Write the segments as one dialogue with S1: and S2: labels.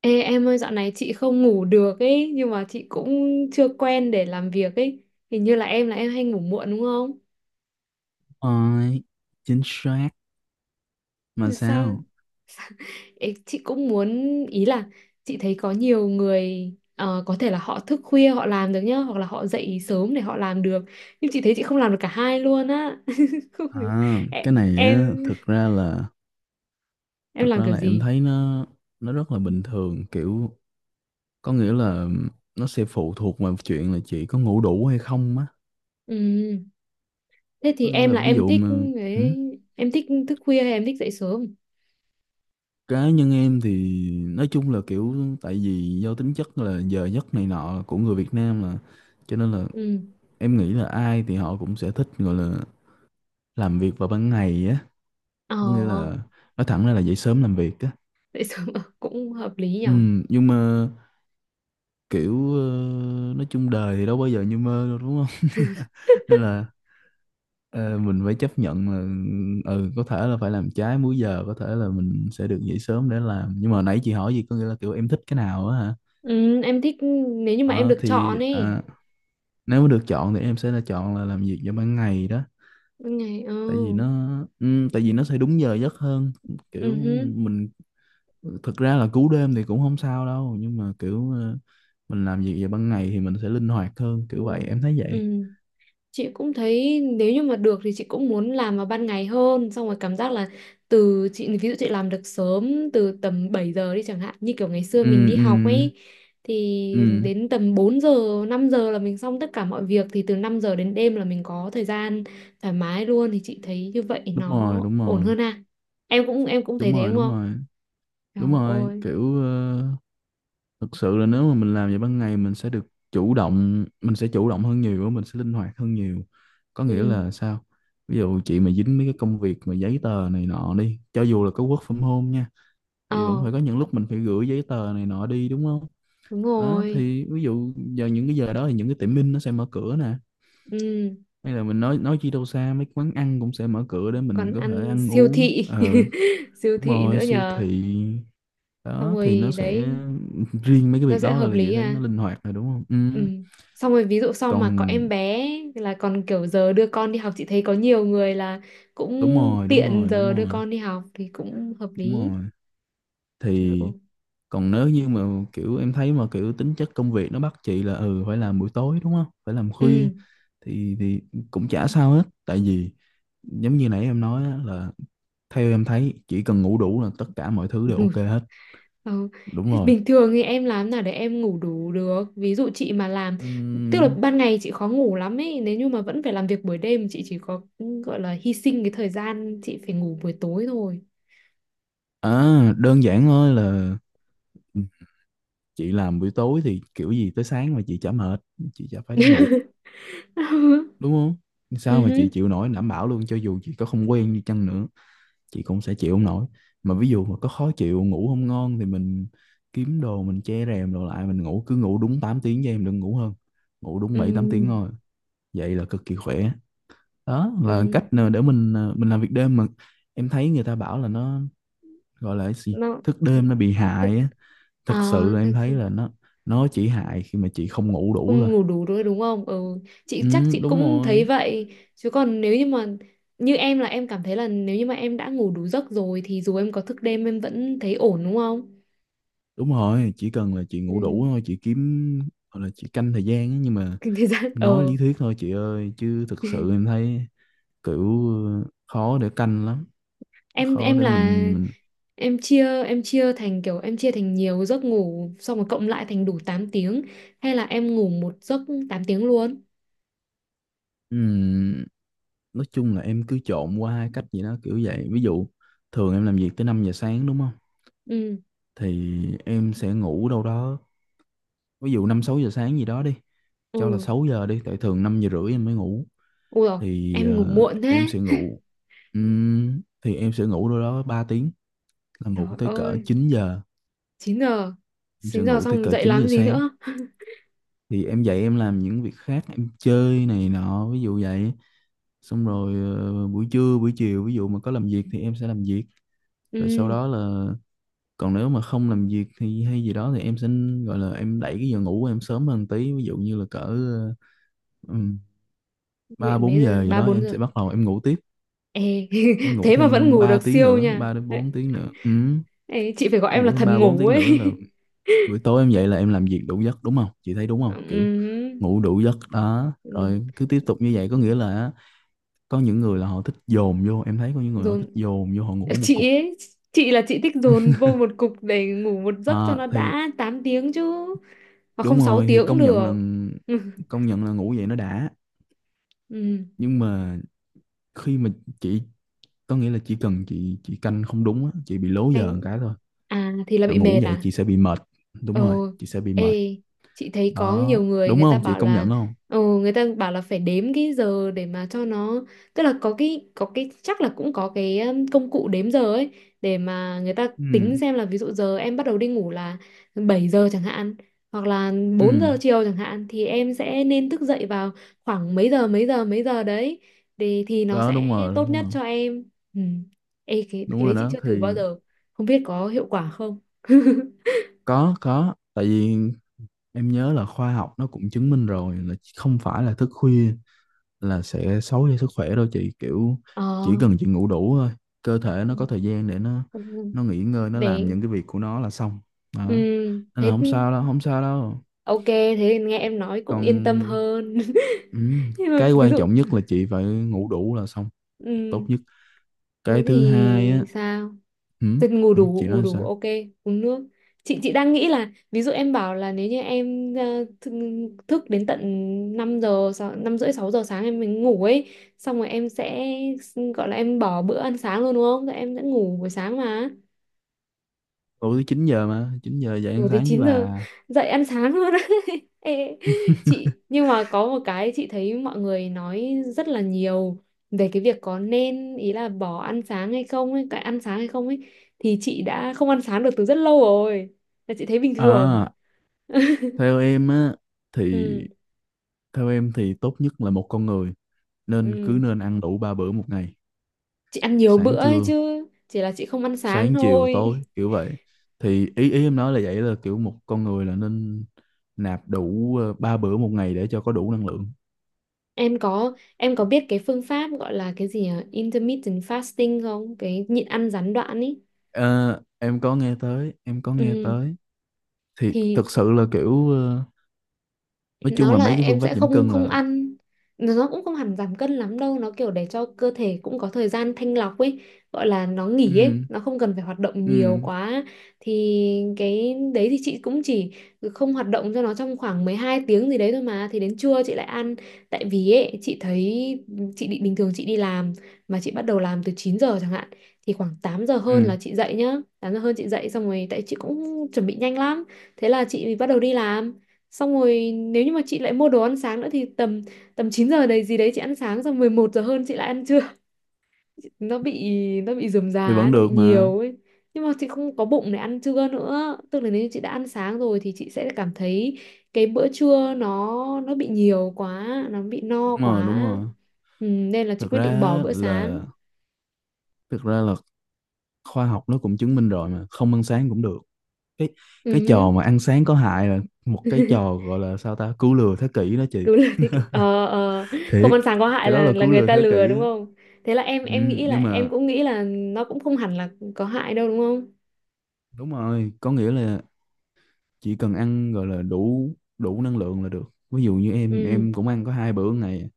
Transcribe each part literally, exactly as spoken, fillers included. S1: Ê em ơi, dạo này chị không ngủ được ấy, nhưng mà chị cũng chưa quen để làm việc ấy. Hình như là em là em hay ngủ muộn đúng không?
S2: Ôi, chính xác mà
S1: Làm sao?
S2: sao?
S1: Ê, chị cũng muốn, ý là chị thấy có nhiều người ờ, có thể là họ thức khuya họ làm được nhá, hoặc là họ dậy sớm để họ làm được, nhưng chị thấy chị không làm được cả hai luôn á. Không hiểu.
S2: À,
S1: em
S2: cái này á,
S1: em
S2: thực ra là
S1: em
S2: thực
S1: làm
S2: ra
S1: kiểu
S2: là em
S1: gì?
S2: thấy nó nó rất là bình thường, kiểu có nghĩa là nó sẽ phụ thuộc vào chuyện là chị có ngủ đủ hay không á.
S1: Ừ. Thế
S2: Có
S1: thì
S2: nghĩa
S1: em
S2: là
S1: là
S2: ví
S1: em
S2: dụ
S1: thích,
S2: mà ừ,
S1: ấy, em thích thức khuya hay em thích dậy sớm?
S2: cá nhân em thì nói chung là kiểu, tại vì do tính chất là giờ giấc này nọ của người Việt Nam mà cho nên là
S1: Ừ.
S2: em nghĩ là ai thì họ cũng sẽ thích, gọi là làm việc vào ban ngày á,
S1: Ờ,
S2: có nghĩa là nói thẳng ra là dậy sớm làm việc á.
S1: dậy sớm cũng hợp lý nhỉ.
S2: Ừ, nhưng mà kiểu ờ, nói chung đời thì đâu bao giờ như mơ đâu đúng không nên là ờ, mình phải chấp nhận là ừ, có thể là phải làm trái múi giờ, có thể là mình sẽ được dậy sớm để làm. Nhưng mà nãy chị hỏi gì, có nghĩa là kiểu em thích cái nào á hả?
S1: Ừ, em thích, nếu như mà em
S2: ờ
S1: được chọn
S2: thì
S1: ấy.
S2: à, nếu mà được chọn thì em sẽ là chọn là làm việc vào ban ngày đó,
S1: Ban ngày ờ.
S2: tại vì nó, ừ, tại vì nó sẽ đúng giờ giấc hơn,
S1: Ừ
S2: kiểu
S1: hứ,
S2: mình thực ra là cứu đêm thì cũng không sao đâu, nhưng mà kiểu ờ, mình làm việc vào ban ngày thì mình sẽ linh hoạt hơn,
S1: ừ.
S2: kiểu vậy em thấy vậy.
S1: Ừ. Chị cũng thấy nếu như mà được thì chị cũng muốn làm vào ban ngày hơn, xong rồi cảm giác là từ chị, ví dụ chị làm được sớm từ tầm bảy giờ đi chẳng hạn, như kiểu ngày xưa mình
S2: Ừ,
S1: đi
S2: ừ,
S1: học ấy, thì
S2: ừ,
S1: đến tầm bốn giờ năm giờ là mình xong tất cả mọi việc, thì từ năm giờ đến đêm là mình có thời gian thoải mái luôn, thì chị thấy như vậy
S2: đúng
S1: nó
S2: rồi, đúng
S1: ổn
S2: rồi,
S1: hơn à. Em cũng em cũng thấy
S2: đúng
S1: thế
S2: rồi,
S1: đúng
S2: đúng
S1: không?
S2: rồi,
S1: Trời
S2: đúng rồi
S1: ơi.
S2: kiểu ờ, thực sự là nếu mà mình làm vậy ban ngày mình sẽ được chủ động, mình sẽ chủ động hơn nhiều, mình sẽ linh hoạt hơn nhiều, có nghĩa
S1: Ừ.
S2: là sao? Ví dụ chị mà dính mấy cái công việc mà giấy tờ này nọ đi, cho dù là có work from home nha,
S1: Ờ,
S2: thì vẫn phải có những lúc mình phải gửi giấy tờ này nọ đi đúng không?
S1: đúng
S2: Đó
S1: rồi.
S2: thì ví dụ giờ những cái giờ đó thì những cái tiệm in nó sẽ mở cửa nè,
S1: Ừ,
S2: hay là mình nói nói chi đâu xa, mấy quán ăn cũng sẽ mở cửa để mình
S1: còn
S2: có thể
S1: ăn
S2: ăn
S1: siêu
S2: uống.
S1: thị.
S2: ờ
S1: Siêu
S2: Đúng
S1: thị nữa
S2: rồi, siêu
S1: nhờ.
S2: thị
S1: Xong
S2: đó thì nó
S1: rồi
S2: sẽ,
S1: đấy,
S2: riêng mấy cái
S1: nó
S2: việc
S1: sẽ
S2: đó
S1: hợp
S2: là dễ
S1: lý
S2: thấy
S1: à.
S2: nó linh hoạt rồi đúng không? Ừ.
S1: Ừ. Xong rồi ví dụ sau
S2: Còn
S1: mà có em bé là còn kiểu giờ đưa con đi học, chị thấy có nhiều người là cũng
S2: đúng rồi, đúng
S1: tiện
S2: rồi, đúng
S1: giờ đưa
S2: rồi,
S1: con đi học thì cũng hợp
S2: đúng
S1: lý.
S2: rồi.
S1: Trời ơi.
S2: Thì còn nếu như mà kiểu em thấy mà kiểu tính chất công việc nó bắt chị là ừ phải làm buổi tối đúng không? Phải làm khuya
S1: Ừ.
S2: thì thì cũng chả sao hết. Tại vì giống như nãy em nói á, là theo em thấy chỉ cần ngủ đủ là tất cả mọi thứ đều ok hết.
S1: Ừ.
S2: Đúng
S1: Thế
S2: rồi.
S1: bình thường thì em làm nào để em ngủ đủ được? Ví dụ chị mà làm, tức là
S2: Ừm,
S1: ban ngày chị khó ngủ lắm ấy. Nếu như mà vẫn phải làm việc buổi đêm, chị chỉ có, ừ, gọi là hy sinh cái thời gian, chị phải ngủ buổi tối thôi.
S2: à đơn giản thôi là chị làm buổi tối thì kiểu gì tới sáng mà chị chả mệt, chị chả phải đi ngủ đúng không?
S1: Ừ
S2: Sao mà chị
S1: hứ.
S2: chịu nổi, đảm bảo luôn cho dù chị có không quen đi chăng nữa chị cũng sẽ chịu không nổi. Mà ví dụ mà có khó chịu ngủ không ngon thì mình kiếm đồ, mình che rèm đồ lại, mình ngủ, cứ ngủ đúng tám tiếng, cho em đừng ngủ hơn, ngủ đúng bảy tám tiếng
S1: Ừ.
S2: thôi, vậy là cực kỳ khỏe. Đó là
S1: Ừ.
S2: cách nào để mình, à, mình làm việc đêm mà em thấy người ta bảo là nó, gọi là cái gì,
S1: Nó
S2: thức đêm nó bị hại
S1: tức-
S2: á. Thực
S1: à,
S2: sự là em
S1: thực
S2: thấy
S1: sự
S2: là nó nó chỉ hại khi mà chị không ngủ đủ thôi.
S1: không ngủ đủ nữa đúng không? Ừ, chị chắc
S2: Ừ,
S1: chị
S2: đúng
S1: cũng thấy
S2: rồi,
S1: vậy. Chứ còn nếu như mà như em, là em cảm thấy là nếu như mà em đã ngủ đủ giấc rồi thì dù em có thức đêm em vẫn thấy ổn đúng không?
S2: đúng rồi, chỉ cần là chị ngủ đủ
S1: Ừ.
S2: thôi, chị kiếm gọi là chị canh thời gian á, nhưng mà
S1: Kinh tế giãn
S2: nói
S1: ờ.
S2: lý thuyết thôi chị ơi, chứ thực sự em thấy kiểu ờ, khó để canh lắm,
S1: em
S2: khó
S1: em
S2: để
S1: là
S2: mình mình
S1: em chia em chia thành kiểu, em chia thành nhiều giấc ngủ xong rồi cộng lại thành đủ tám tiếng, hay là em ngủ một giấc tám tiếng luôn?
S2: ừm, nói chung là em cứ trộn qua hai cách gì đó kiểu vậy. Ví dụ thường em làm việc tới năm giờ sáng đúng không?
S1: Ừ.
S2: Thì em sẽ ngủ đâu đó, ví dụ năm sáu giờ sáng gì đó đi, cho là
S1: Ừ.
S2: sáu giờ đi, tại thường năm giờ rưỡi em mới ngủ,
S1: Ui rồi,
S2: thì
S1: em ngủ
S2: ờ,
S1: muộn
S2: em
S1: thế.
S2: sẽ ngủ Ừm, thì em sẽ ngủ đâu đó ba tiếng, là
S1: Trời
S2: ngủ tới cỡ
S1: ơi,
S2: chín giờ.
S1: chín giờ.
S2: Em sẽ
S1: chín giờ
S2: ngủ tới
S1: xong
S2: cỡ
S1: dậy
S2: chín giờ
S1: làm gì
S2: sáng
S1: nữa?
S2: thì em dậy em làm những việc khác, em chơi này nọ ví dụ vậy. Xong rồi ờ, buổi trưa buổi chiều ví dụ mà có làm việc thì em sẽ làm việc, rồi sau
S1: Ừ.
S2: đó là, còn nếu mà không làm việc thì hay gì đó thì em sẽ gọi là em đẩy cái giờ ngủ của em sớm hơn tí, ví dụ như là cỡ ờ, ừm,
S1: Vậy
S2: ba
S1: mấy
S2: bốn
S1: giờ?
S2: giờ gì
S1: Ba
S2: đó
S1: bốn
S2: em
S1: giờ?
S2: sẽ bắt đầu em ngủ tiếp,
S1: Ê,
S2: em ngủ
S1: thế mà vẫn
S2: thêm
S1: ngủ
S2: ba
S1: được
S2: tiếng
S1: siêu
S2: nữa
S1: nha
S2: ba đến
S1: đấy.
S2: bốn tiếng nữa Ừm,
S1: Ê, chị phải gọi
S2: em
S1: em là
S2: ngủ thêm
S1: thần
S2: ba bốn
S1: ngủ
S2: tiếng
S1: ấy.
S2: nữa là buổi tối em dậy là em làm việc đủ giấc đúng không chị, thấy đúng không kiểu
S1: Ừ,
S2: ngủ đủ giấc đó,
S1: đúng.
S2: rồi cứ tiếp tục như vậy,
S1: Ừ,
S2: có nghĩa là có những người là họ thích dồn vô, em thấy có những người họ
S1: rồi.
S2: thích dồn vô họ ngủ một
S1: Chị
S2: cục.
S1: ấy, chị là chị thích dồn vô một cục để ngủ một giấc cho
S2: À,
S1: nó
S2: thì
S1: đã tám tiếng chứ, mà
S2: đúng
S1: không sáu
S2: rồi, thì
S1: tiếng cũng
S2: công nhận là,
S1: được.
S2: công nhận là ngủ vậy nó đã.
S1: Ừ.
S2: Nhưng mà khi mà chị, có nghĩa là chỉ cần chị chị canh không đúng á, chị bị lố giờ
S1: Đánh,
S2: một cái thôi
S1: à thì là
S2: là
S1: bị
S2: ngủ
S1: mệt
S2: vậy
S1: à.
S2: chị sẽ bị mệt, đúng
S1: Ờ,
S2: rồi chị sẽ bị mệt.
S1: ê, chị thấy có
S2: Đó
S1: nhiều người,
S2: đúng
S1: người ta
S2: không chị
S1: bảo
S2: công
S1: là,
S2: nhận không?
S1: ờ, người ta bảo là phải đếm cái giờ để mà cho nó, tức là có cái, có cái chắc là cũng có cái, um, công cụ đếm giờ ấy, để mà người ta
S2: Ừ,
S1: tính xem là ví dụ giờ em bắt đầu đi ngủ là bảy giờ chẳng hạn, hoặc là
S2: ừ,
S1: bốn giờ chiều chẳng hạn, thì em sẽ nên thức dậy vào khoảng mấy giờ mấy giờ mấy giờ đấy, để thì nó
S2: đó
S1: sẽ
S2: đúng rồi, đúng
S1: tốt nhất
S2: rồi,
S1: cho em. Ừ. Ê, cái
S2: đúng
S1: cái đấy
S2: rồi.
S1: chị
S2: Đó
S1: chưa thử bao
S2: thì
S1: giờ. Không biết có hiệu quả không?
S2: có có tại vì em nhớ là khoa học nó cũng chứng minh rồi là không phải là thức khuya là sẽ xấu cho sức khỏe đâu chị, kiểu
S1: Ờ,
S2: chỉ cần chị ngủ đủ thôi, cơ thể nó có thời gian để nó
S1: ừ,
S2: nó nghỉ ngơi, nó làm
S1: để,
S2: những cái việc của nó là xong
S1: ừ,
S2: đó, nên là
S1: thế
S2: không sao đâu, không sao đâu.
S1: ok thế thì nghe em nói cũng yên tâm
S2: Còn
S1: hơn.
S2: ừ,
S1: Nhưng mà
S2: cái
S1: ví
S2: quan
S1: dụ,
S2: trọng nhất là chị phải ngủ đủ là xong,
S1: ừ,
S2: tốt nhất.
S1: thế
S2: Cái thứ hai
S1: thì
S2: á
S1: sao?
S2: ừ,
S1: Thế ngủ
S2: ừ,
S1: đủ,
S2: chị
S1: ngủ
S2: nói
S1: đủ
S2: sao?
S1: ok. Uống nước. Chị chị đang nghĩ là ví dụ em bảo là nếu như em ờ, thức, thức đến tận năm giờ sáu- năm rưỡi sáu giờ sáng em mới ngủ ấy, xong rồi em sẽ gọi là em bỏ bữa ăn sáng luôn đúng không, rồi em sẽ ngủ buổi sáng mà
S2: Tối tới chín giờ mà chín giờ dậy ăn
S1: ngủ tới
S2: sáng với
S1: chín giờ,
S2: bà.
S1: dậy ăn sáng luôn. Ê, chị nhưng mà có một cái chị thấy mọi người nói rất là nhiều về cái việc có nên, ý là bỏ ăn sáng hay không ấy, cái ăn sáng hay không ấy, thì chị đã không ăn sáng được từ rất lâu rồi. Là chị thấy bình thường.
S2: À, theo em á, thì
S1: Ừ,
S2: theo em thì tốt nhất là một con người nên cứ
S1: ừ.
S2: nên ăn đủ ba bữa một ngày,
S1: Chị ăn nhiều bữa
S2: sáng
S1: ấy
S2: trưa,
S1: chứ, chỉ là chị không ăn sáng
S2: sáng chiều
S1: thôi.
S2: tối kiểu vậy. Thì ý ý em nói là vậy, là kiểu một con người là nên nạp đủ ờ, ba bữa một ngày để cho có đủ năng lượng.
S1: Em có em có biết cái phương pháp gọi là cái gì nhỉ? Intermittent fasting không? Cái nhịn ăn gián đoạn ấy.
S2: Ờ, em có nghe tới, em có nghe
S1: Ừ.
S2: tới. Thì thực
S1: Thì
S2: sự là kiểu ờ, nói
S1: nó
S2: chung là
S1: là
S2: mấy cái
S1: em
S2: phương
S1: sẽ
S2: pháp giảm
S1: không
S2: cân
S1: không
S2: là
S1: ăn, nó cũng không hẳn giảm cân lắm đâu, nó kiểu để cho cơ thể cũng có thời gian thanh lọc ấy, gọi là nó nghỉ ấy,
S2: ừ,
S1: nó không cần phải hoạt động
S2: ừ,
S1: nhiều quá, thì cái đấy thì chị cũng chỉ không hoạt động cho nó trong khoảng mười hai tiếng gì đấy thôi mà, thì đến trưa chị lại ăn. Tại vì ấy chị thấy, chị định bình thường chị đi làm, mà chị bắt đầu làm từ chín giờ chẳng hạn, thì khoảng tám giờ
S2: ừ
S1: hơn là chị dậy nhá, tám giờ hơn chị dậy xong rồi, tại chị cũng chuẩn bị nhanh lắm, thế là chị bắt đầu đi làm, xong rồi nếu như mà chị lại mua đồ ăn sáng nữa thì tầm tầm chín giờ đấy gì đấy chị ăn sáng xong, mười một giờ hơn chị lại ăn trưa. Nó bị, nó bị rườm
S2: thì
S1: rà ấy,
S2: vẫn
S1: nó bị
S2: được mà.
S1: nhiều ấy. Nhưng mà chị không có bụng để ăn trưa nữa, tức là nếu như chị đã ăn sáng rồi thì chị sẽ cảm thấy cái bữa trưa nó nó bị nhiều quá, nó bị
S2: Đúng
S1: no
S2: rồi,
S1: quá.
S2: đúng rồi.
S1: Ừ, nên là chị
S2: Thực
S1: quyết
S2: ra
S1: định bỏ
S2: á
S1: bữa sáng.
S2: là thực ra là khoa học nó cũng chứng minh rồi mà không ăn sáng cũng được. cái cái
S1: Ừ.
S2: trò mà ăn sáng có hại là một cái trò gọi là sao ta, cứu lừa thế kỷ đó chị,
S1: Đúng là thế kỷ, ờ ờ, không
S2: thiệt.
S1: ăn sáng có hại
S2: Cái đó
S1: là
S2: là
S1: là
S2: cứu
S1: người
S2: lừa
S1: ta
S2: thế
S1: lừa
S2: kỷ
S1: đúng
S2: á.
S1: không? Thế là em
S2: Ừ,
S1: em nghĩ là
S2: nhưng
S1: em
S2: mà
S1: cũng nghĩ là nó cũng không hẳn là có hại đâu đúng không?
S2: đúng rồi có nghĩa là chỉ cần ăn gọi là đủ, đủ năng lượng là được. Ví dụ như em
S1: Ừ.
S2: em cũng ăn có hai bữa ngày,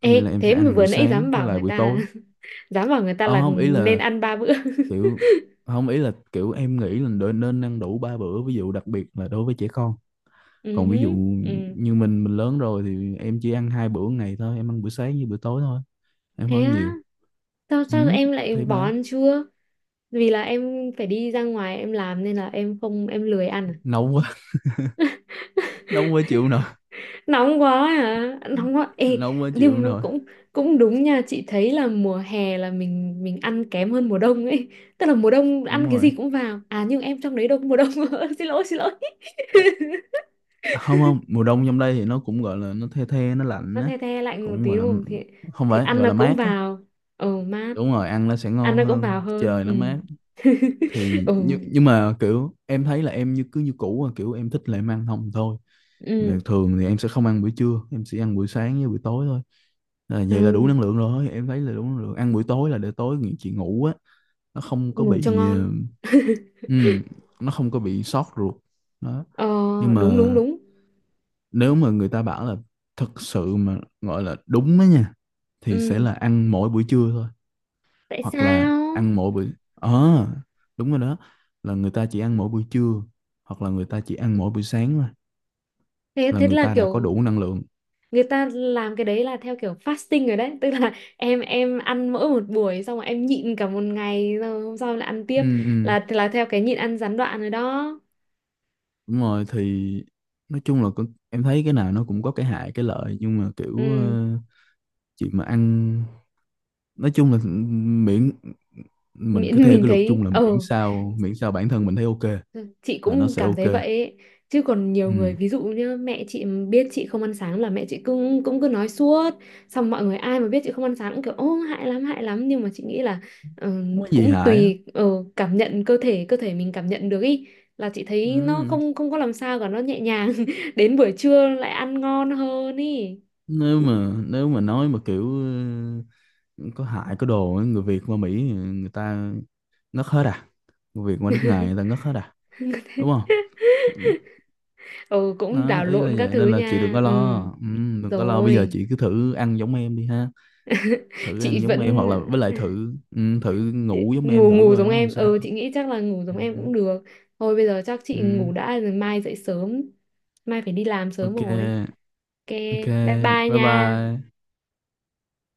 S2: có nghĩa là
S1: Ê,
S2: em
S1: thế
S2: sẽ
S1: mà
S2: ăn
S1: vừa
S2: buổi
S1: nãy
S2: sáng
S1: dám
S2: với
S1: bảo
S2: lại
S1: người
S2: buổi
S1: ta,
S2: tối.
S1: dám bảo người ta
S2: Ờ,
S1: là
S2: không ý
S1: nên
S2: là
S1: ăn ba bữa.
S2: kiểu, không ý là kiểu em nghĩ là đ- nên ăn đủ ba bữa, ví dụ đặc biệt là đối với trẻ con.
S1: Ừ
S2: Còn ví dụ
S1: hứ, ừ.
S2: như mình mình lớn rồi thì em chỉ ăn hai bữa một ngày thôi, em ăn bữa sáng với bữa tối thôi, em không
S1: Thế
S2: ăn
S1: á?
S2: nhiều.
S1: Sao
S2: Ừ,
S1: sao em lại
S2: thế
S1: bỏ
S2: mà
S1: ăn trưa? Vì là em phải đi ra ngoài em làm nên là em không, em lười ăn
S2: nấu quá
S1: à?
S2: nấu quá chịu nổi,
S1: Nóng quá hả, nóng quá ê.
S2: nóng quá chịu
S1: Nhưng mà
S2: rồi.
S1: cũng, cũng đúng nha, chị thấy là mùa hè là mình mình ăn kém hơn mùa đông ấy, tức là mùa đông
S2: Đúng
S1: ăn cái gì
S2: rồi.
S1: cũng vào à, nhưng em trong đấy đâu có mùa đông. Xin lỗi xin lỗi.
S2: Ê, không không, mùa đông trong đây thì nó cũng gọi là nó the the nó lạnh
S1: Nó
S2: á,
S1: the the lạnh một
S2: cũng
S1: tí
S2: gọi là
S1: đúng không, thì
S2: không
S1: thì
S2: phải
S1: ăn
S2: gọi
S1: nó
S2: là
S1: cũng
S2: mát á.
S1: vào. Ồ mát,
S2: Đúng rồi ăn nó sẽ
S1: ăn
S2: ngon
S1: nó cũng vào
S2: hơn,
S1: hơn.
S2: trời
S1: Ừ.
S2: nó mát. Thì
S1: Ồ.
S2: nhưng nhưng mà kiểu em thấy là em như cứ như cũ à, kiểu em thích là em ăn không thôi.
S1: Ừ.
S2: Mà thường thì em sẽ không ăn buổi trưa, em sẽ ăn buổi sáng với buổi tối thôi. À, vậy là đủ năng
S1: Ừ.
S2: lượng rồi, em thấy là đủ năng lượng, ăn buổi tối là để tối nghỉ chị, ngủ á, nó không có
S1: Ngủ cho
S2: bị ờ,
S1: ngon.
S2: ừm, nó không có bị sót ruột đó.
S1: Ờ,
S2: Nhưng
S1: đúng
S2: mà
S1: đúng đúng.
S2: nếu mà người ta bảo là thực sự mà gọi là đúng á nha thì sẽ
S1: Ừ.
S2: là ăn mỗi buổi trưa thôi,
S1: Tại
S2: hoặc là
S1: sao?
S2: ăn mỗi buổi ờ đúng rồi đó, là người ta chỉ ăn mỗi buổi trưa hoặc là người ta chỉ ăn mỗi buổi sáng thôi
S1: Thế
S2: là
S1: thế
S2: người
S1: là
S2: ta đã có
S1: kiểu
S2: đủ năng lượng.
S1: người ta làm cái đấy là theo kiểu fasting rồi đấy. Tức là em em ăn mỗi một buổi, xong rồi em nhịn cả một ngày, rồi hôm sau là ăn tiếp,
S2: Ừ, ừ.
S1: là là theo cái nhịn ăn gián đoạn rồi đó.
S2: Đúng rồi thì nói chung là con-, em thấy cái nào nó cũng có cái hại cái lợi, nhưng mà kiểu
S1: Ừ.
S2: ờ, chuyện mà ăn, nói chung là miễn, mình cứ
S1: mình,
S2: theo
S1: mình
S2: cái luật chung
S1: thấy
S2: là miễn
S1: ờ,
S2: sao, miễn sao bản thân mình thấy ok
S1: chị
S2: là nó
S1: cũng
S2: sẽ
S1: cảm
S2: ok.
S1: thấy vậy ấy. Chứ còn nhiều người
S2: Ừ.
S1: ví dụ như mẹ chị mà biết chị không ăn sáng là mẹ chị cũng cũng cứ nói suốt, xong mọi người ai mà biết chị không ăn sáng cũng kiểu ô hại lắm hại lắm, nhưng mà chị nghĩ là ờ,
S2: Không có gì
S1: cũng
S2: hại á.
S1: tùy ờ, cảm nhận cơ thể, cơ thể mình cảm nhận được ý, là chị thấy nó
S2: Ừ.
S1: không không có làm sao cả, nó nhẹ nhàng đến buổi trưa lại ăn ngon hơn ý.
S2: nếu mà nếu mà nói mà kiểu ờ, có hại có đồ á, người Việt qua Mỹ người ta ngất hết à, người Việt qua nước ngoài người ta ngất hết à, đúng không?
S1: Ừ, cũng đảo
S2: Đó, ý là
S1: lộn các
S2: vậy
S1: thứ
S2: nên là chị đừng
S1: nha,
S2: có
S1: ừ,
S2: lo ừ, đừng có lo. Bây giờ
S1: rồi.
S2: chị cứ thử ăn giống em đi ha, thử
S1: Chị
S2: ăn giống em
S1: vẫn
S2: hoặc là với lại thử ừ, thử ngủ giống em
S1: ngủ
S2: thử
S1: ngủ
S2: coi
S1: giống
S2: nó làm
S1: em,
S2: sao.
S1: ừ, chị nghĩ chắc là ngủ giống em
S2: Ừ,
S1: cũng được. Thôi bây giờ chắc chị ngủ
S2: ừ,
S1: đã, rồi mai dậy sớm, mai phải đi làm sớm
S2: ok,
S1: rồi. Ok.
S2: ok,
S1: Bye bye
S2: bye
S1: nha.
S2: bye.